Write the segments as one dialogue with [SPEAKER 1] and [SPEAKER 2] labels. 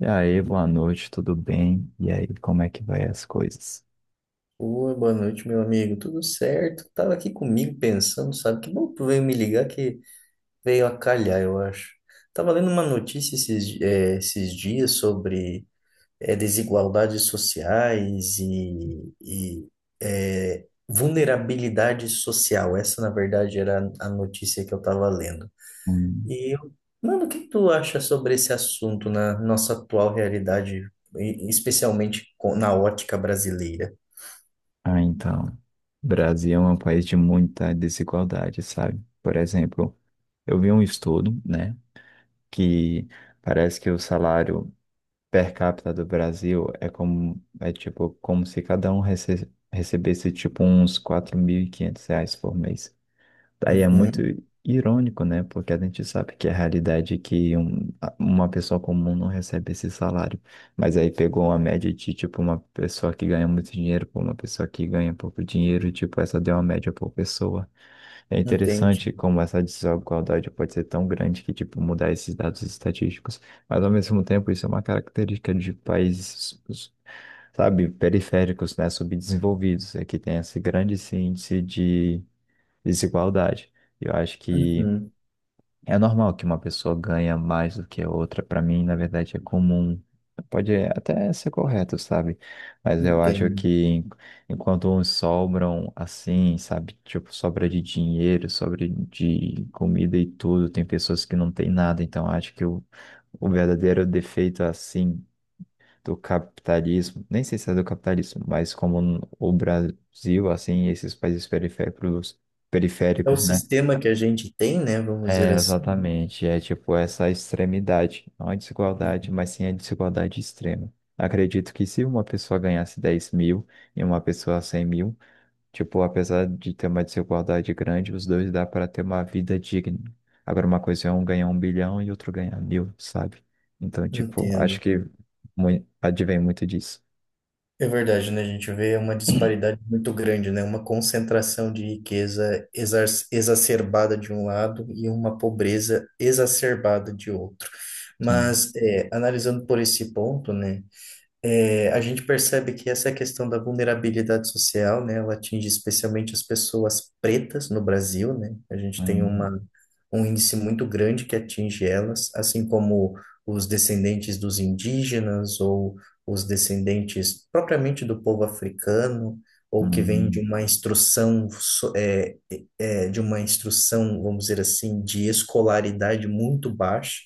[SPEAKER 1] E aí, boa noite, tudo bem? E aí, como é que vai as coisas?
[SPEAKER 2] Oi, boa noite, meu amigo. Tudo certo? Tava aqui comigo pensando, sabe? Que bom que tu veio me ligar que veio a calhar, eu acho. Tava lendo uma notícia esses, esses dias sobre desigualdades sociais e vulnerabilidade social. Essa, na verdade, era a notícia que eu tava lendo.
[SPEAKER 1] Hum.
[SPEAKER 2] E, eu- Mano, o que tu acha sobre esse assunto na nossa atual realidade, especialmente na ótica brasileira?
[SPEAKER 1] Ah, então, Brasil é um país de muita desigualdade, sabe? Por exemplo, eu vi um estudo, né, que parece que o salário per capita do Brasil é como, é tipo, como se cada um recebesse, tipo, uns R$ 4.500 por mês. Aí é muito
[SPEAKER 2] Uhum,
[SPEAKER 1] irônico, né? Porque a gente sabe que é a realidade é que uma pessoa comum não recebe esse salário. Mas aí pegou uma média de, tipo, uma pessoa que ganha muito dinheiro por uma pessoa que ganha pouco dinheiro, tipo, essa deu uma média por pessoa. É interessante
[SPEAKER 2] entendi.
[SPEAKER 1] como essa desigualdade pode ser tão grande que, tipo, mudar esses dados estatísticos. Mas, ao mesmo tempo, isso é uma característica de países, sabe, periféricos, né? Subdesenvolvidos. É que tem esse grande índice de desigualdade. Eu acho que
[SPEAKER 2] Uhum,
[SPEAKER 1] é normal que uma pessoa ganha mais do que a outra. Para mim, na verdade, é comum. Pode até ser correto, sabe? Mas eu acho
[SPEAKER 2] entendo.
[SPEAKER 1] que enquanto uns sobram assim, sabe? Tipo, sobra de dinheiro, sobra de comida e tudo, tem pessoas que não têm nada. Então, eu acho que o verdadeiro defeito assim do capitalismo, nem sei se é do capitalismo, mas como o Brasil, assim, esses países periféricos
[SPEAKER 2] É o
[SPEAKER 1] periféricos, né?
[SPEAKER 2] sistema que a gente tem, né? Vamos dizer
[SPEAKER 1] É,
[SPEAKER 2] assim.
[SPEAKER 1] exatamente. É tipo essa extremidade. Não a desigualdade, mas sim a desigualdade extrema. Acredito que se uma pessoa ganhasse 10.000 e uma pessoa 100.000, tipo, apesar de ter uma desigualdade grande, os dois dá para ter uma vida digna. Agora, uma coisa é um ganhar um bilhão e outro ganhar mil, sabe? Então, tipo, acho
[SPEAKER 2] Entendo.
[SPEAKER 1] que advém muito disso.
[SPEAKER 2] É verdade, né? A gente vê uma disparidade muito grande, né? Uma concentração de riqueza exacerbada de um lado e uma pobreza exacerbada de outro.
[SPEAKER 1] Sim.
[SPEAKER 2] Mas, é, analisando por esse ponto, né? É, a gente percebe que essa questão da vulnerabilidade social, né, ela atinge especialmente as pessoas pretas no Brasil, né? A gente tem
[SPEAKER 1] Hum.
[SPEAKER 2] uma, um índice muito grande que atinge elas, assim como os descendentes dos indígenas ou os descendentes propriamente do povo africano, ou que vem de
[SPEAKER 1] Hum.
[SPEAKER 2] uma instrução, de uma instrução, vamos dizer assim, de escolaridade muito baixa.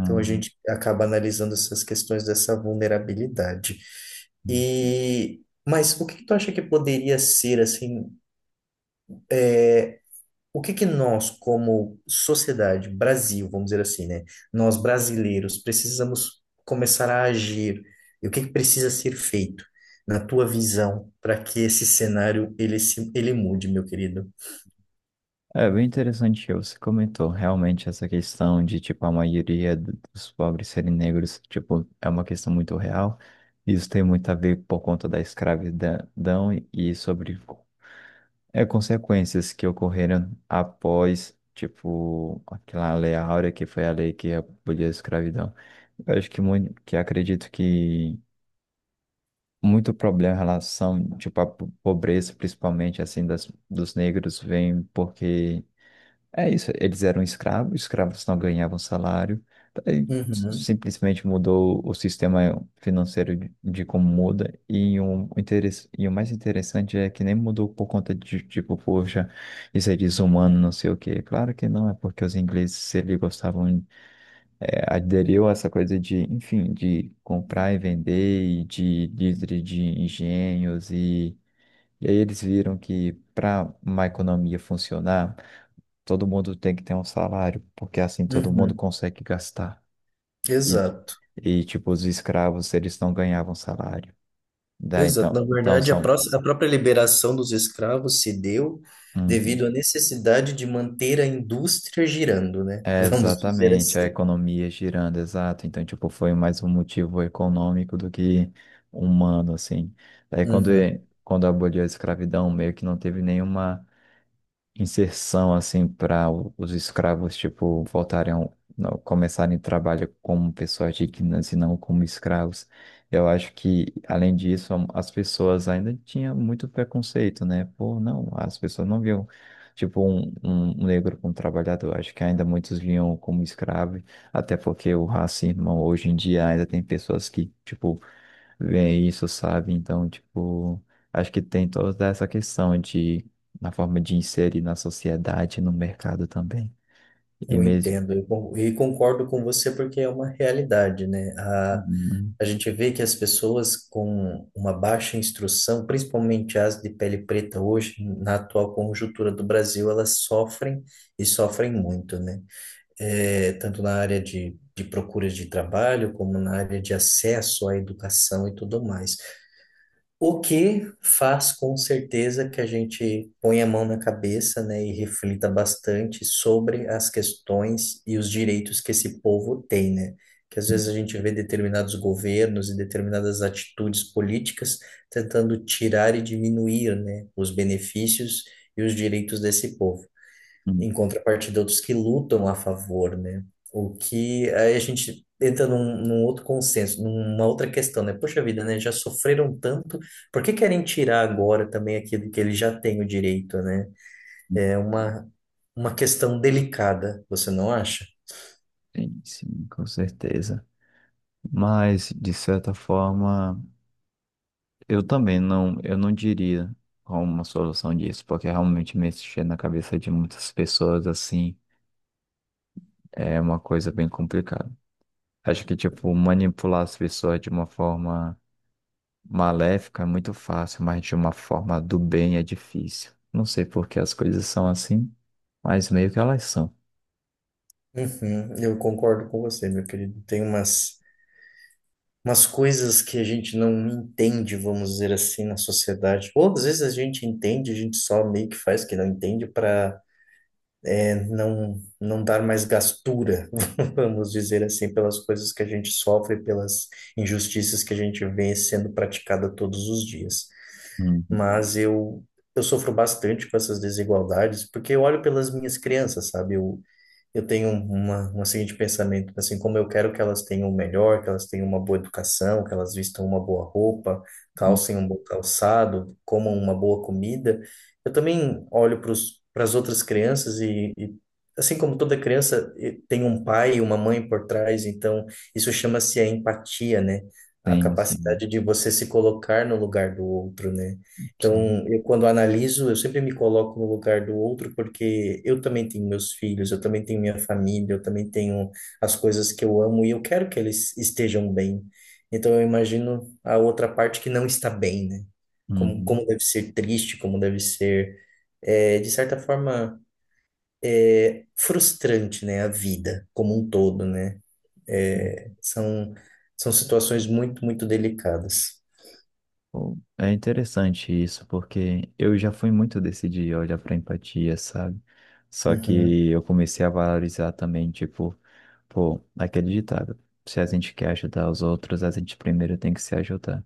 [SPEAKER 2] Então a gente acaba analisando essas questões dessa vulnerabilidade.
[SPEAKER 1] Hum.
[SPEAKER 2] E mas o que que tu acha que poderia ser assim, é, o que que nós como sociedade, Brasil, vamos dizer assim, né? Nós brasileiros precisamos começar a agir. E o que que precisa ser feito na tua visão para que esse cenário ele se ele mude, meu querido?
[SPEAKER 1] É bem interessante que você comentou realmente essa questão de, tipo, a maioria dos pobres serem negros, tipo, é uma questão muito real. Isso tem muito a ver por conta da escravidão e sobre é, consequências que ocorreram após, tipo, aquela Lei Áurea, que foi a lei que aboliu a escravidão. Eu acho que muito, que acredito que muito problema em relação, tipo, à pobreza, principalmente, assim, das, dos negros, vem porque é isso, eles eram escravos, escravos não ganhavam salário, aí
[SPEAKER 2] Uhum,
[SPEAKER 1] simplesmente mudou o sistema financeiro de como muda, e, e o mais interessante é que nem mudou por conta de, tipo, poxa, isso é desumano, não sei o quê. Claro que não, é porque os ingleses, se eles gostavam, é, aderiu a essa coisa de, enfim, de comprar e vender, e de líder de engenhos, e aí eles viram que para uma economia funcionar, todo mundo tem que ter um salário, porque assim todo mundo
[SPEAKER 2] uhum,
[SPEAKER 1] consegue gastar. E,
[SPEAKER 2] exato.
[SPEAKER 1] e tipo, os escravos, eles não ganhavam salário. Daí,
[SPEAKER 2] Exato. Na
[SPEAKER 1] então, então
[SPEAKER 2] verdade,
[SPEAKER 1] são.
[SPEAKER 2] a própria liberação dos escravos se deu
[SPEAKER 1] Uhum.
[SPEAKER 2] devido à necessidade de manter a indústria girando, né?
[SPEAKER 1] É,
[SPEAKER 2] Vamos dizer
[SPEAKER 1] exatamente, a
[SPEAKER 2] assim.
[SPEAKER 1] economia girando, exato. Então, tipo, foi mais um motivo econômico do que humano, assim. Daí, quando,
[SPEAKER 2] Uhum.
[SPEAKER 1] quando aboliu a escravidão, meio que não teve nenhuma inserção assim para os escravos tipo voltarem ao- não, começarem trabalho como pessoas dignas e não como escravos. Eu acho que além disso as pessoas ainda tinham muito preconceito, né? Pô, não, as pessoas não viam tipo um negro como trabalhador. Acho que ainda muitos viam como escravo, até porque o racismo hoje em dia ainda tem pessoas que tipo vem isso, sabe? Então, tipo, acho que tem toda essa questão de, na forma de inserir na sociedade, no mercado também. E
[SPEAKER 2] Eu
[SPEAKER 1] mesmo.
[SPEAKER 2] entendo e concordo com você porque é uma realidade, né?
[SPEAKER 1] Hum.
[SPEAKER 2] A gente vê que as pessoas com uma baixa instrução, principalmente as de pele preta hoje, na atual conjuntura do Brasil, elas sofrem e sofrem muito, né? É, tanto na área de procura de trabalho, como na área de acesso à educação e tudo mais. O que faz com certeza que a gente ponha a mão na cabeça, né, e reflita bastante sobre as questões e os direitos que esse povo tem, né? Que às
[SPEAKER 1] Hum.
[SPEAKER 2] vezes a gente vê determinados governos e determinadas atitudes políticas tentando tirar e diminuir, né, os benefícios e os direitos desse povo,
[SPEAKER 1] Hum.
[SPEAKER 2] em contrapartida outros que lutam a favor, né? O que aí a gente entra num outro consenso, numa outra questão, né? Poxa vida, né? Já sofreram tanto, por que querem tirar agora também aquilo que eles já têm o direito, né? É uma questão delicada, você não acha?
[SPEAKER 1] Sim, sim, com certeza. Mas, de certa forma, eu também não, eu não diria como uma solução disso, porque realmente mexer na cabeça de muitas pessoas assim é uma coisa bem complicada. Acho que, tipo, manipular as pessoas de uma forma maléfico é muito fácil, mas de uma forma do bem é difícil. Não sei por que as coisas são assim, mas meio que elas são.
[SPEAKER 2] Uhum, eu concordo com você, meu querido. Tem umas, umas coisas que a gente não entende, vamos dizer assim, na sociedade. Ou às vezes a gente entende, a gente só meio que faz que não entende para não dar mais gastura, vamos dizer assim, pelas coisas que a gente sofre, pelas injustiças que a gente vê sendo praticada todos os dias.
[SPEAKER 1] Uhum.
[SPEAKER 2] Mas eu, eu sofro bastante com essas desigualdades, porque eu olho pelas minhas crianças, sabe? Eu tenho uma seguinte pensamento, assim, como eu quero que elas tenham o melhor, que elas tenham uma boa educação, que elas vistam uma boa roupa,
[SPEAKER 1] Ah,
[SPEAKER 2] calcem um bom calçado, comam uma boa comida, eu também olho para as outras crianças e assim como toda criança, tem um pai e uma mãe por trás, então isso chama-se a empatia, né? A
[SPEAKER 1] sim, sim,
[SPEAKER 2] capacidade de você se colocar no lugar do outro, né? Então,
[SPEAKER 1] sim.
[SPEAKER 2] eu quando analiso, eu sempre me coloco no lugar do outro, porque eu também tenho meus filhos, eu também tenho minha família, eu também tenho as coisas que eu amo e eu quero que eles estejam bem. Então, eu imagino a outra parte que não está bem, né? Como, como
[SPEAKER 1] Uhum.
[SPEAKER 2] deve ser triste, como deve ser, de certa forma, frustrante, né? A vida como um todo, né? É,
[SPEAKER 1] Uhum.
[SPEAKER 2] são, são situações muito, muito delicadas.
[SPEAKER 1] Bom, é interessante isso, porque eu já fui muito desse de olhar para empatia, sabe? Só
[SPEAKER 2] Uhum,
[SPEAKER 1] que eu comecei a valorizar também, tipo, pô, aquele ditado, se a gente quer ajudar os outros, a gente primeiro tem que se ajudar.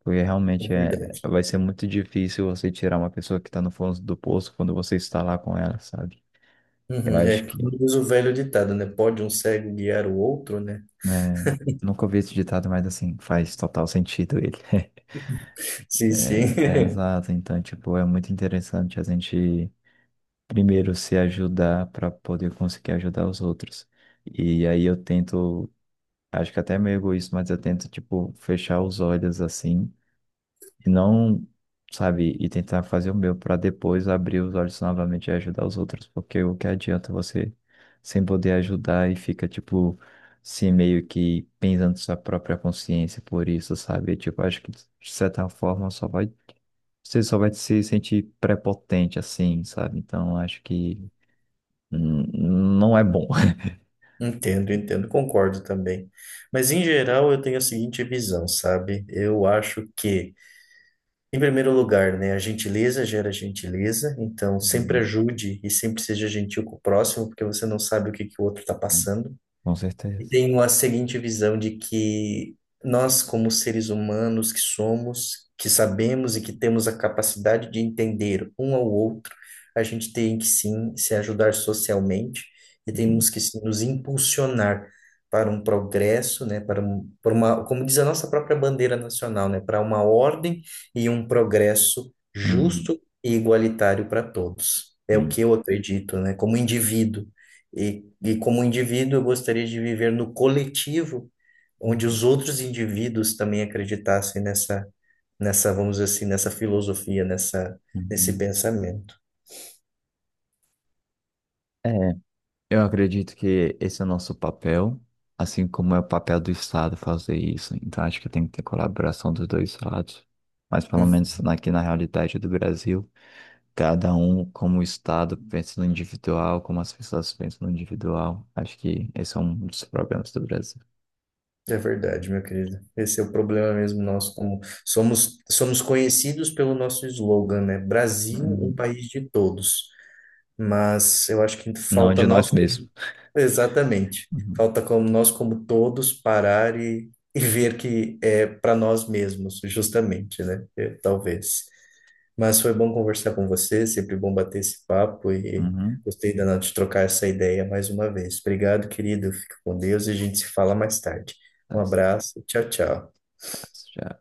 [SPEAKER 1] Porque
[SPEAKER 2] é
[SPEAKER 1] realmente é,
[SPEAKER 2] verdade.
[SPEAKER 1] vai ser muito difícil você tirar uma pessoa que está no fundo do poço quando você está lá com ela, sabe? Eu
[SPEAKER 2] Uhum,
[SPEAKER 1] acho
[SPEAKER 2] é
[SPEAKER 1] que,
[SPEAKER 2] como diz o velho ditado, né? Pode um cego guiar o outro, né?
[SPEAKER 1] né, nunca ouvi esse ditado, mas assim, faz total sentido ele.
[SPEAKER 2] Sim, sim.
[SPEAKER 1] É, exato, então, tipo, é muito interessante a gente primeiro se ajudar para poder conseguir ajudar os outros. E aí eu tento, acho que até é meio egoísta, mas eu tento, tipo, fechar os olhos assim e não, sabe, e tentar fazer o meu para depois abrir os olhos novamente e ajudar os outros, porque o que adianta você sem poder ajudar e fica, tipo, se meio que pensando sua própria consciência por isso, sabe? Tipo, acho que de certa forma só vai, você só vai se sentir prepotente assim, sabe? Então, acho que hum, não é bom.
[SPEAKER 2] Entendo, entendo, concordo também. Mas em geral eu tenho a seguinte visão, sabe? Em primeiro lugar, né, a gentileza gera gentileza, então sempre
[SPEAKER 1] Uhum,
[SPEAKER 2] ajude e sempre seja gentil com o próximo, porque você não sabe o que que o outro está
[SPEAKER 1] né?
[SPEAKER 2] passando.
[SPEAKER 1] Com
[SPEAKER 2] E
[SPEAKER 1] certeza.
[SPEAKER 2] tenho a seguinte visão de que nós, como seres humanos que somos, que sabemos e que temos a capacidade de entender um ao outro, a gente tem que sim se ajudar socialmente e
[SPEAKER 1] Uhum,
[SPEAKER 2] temos que sim, nos impulsionar para um progresso, né, para uma, como diz a nossa própria bandeira nacional, né, para uma ordem e um progresso
[SPEAKER 1] uhum,
[SPEAKER 2] justo e igualitário para todos. É o que
[SPEAKER 1] sim.
[SPEAKER 2] eu acredito, né, como indivíduo. E como indivíduo, eu gostaria de viver no coletivo, onde
[SPEAKER 1] Uhum,
[SPEAKER 2] os outros indivíduos também acreditassem nessa vamos dizer assim, nessa filosofia, nesse
[SPEAKER 1] uhum.
[SPEAKER 2] pensamento.
[SPEAKER 1] É. Eu acredito que esse é o nosso papel, assim como é o papel do Estado fazer isso. Então, acho que tem que ter colaboração dos dois lados. Mas, pelo
[SPEAKER 2] Hum,
[SPEAKER 1] menos aqui na realidade do Brasil, cada um, como o Estado, pensa no individual, como as pessoas pensam no individual. Acho que esse é um dos problemas do Brasil.
[SPEAKER 2] é verdade, meu querido. Esse é o problema mesmo nosso, como somos, somos conhecidos pelo nosso slogan, né? Brasil, um
[SPEAKER 1] Hum.
[SPEAKER 2] país de todos. Mas eu acho que
[SPEAKER 1] Não
[SPEAKER 2] falta
[SPEAKER 1] de
[SPEAKER 2] nós.
[SPEAKER 1] nós mesmos.
[SPEAKER 2] Exatamente.
[SPEAKER 1] Uhum.
[SPEAKER 2] Falta como nós, como todos, parar e ver que é para nós mesmos, justamente, né? É, talvez. Mas foi bom conversar com você, sempre bom bater esse papo e
[SPEAKER 1] Uhum.
[SPEAKER 2] gostei danado de trocar essa ideia mais uma vez. Obrigado, querido. Fica com Deus e a gente se fala mais tarde. Um
[SPEAKER 1] Tá certo.
[SPEAKER 2] abraço, tchau, tchau.
[SPEAKER 1] Já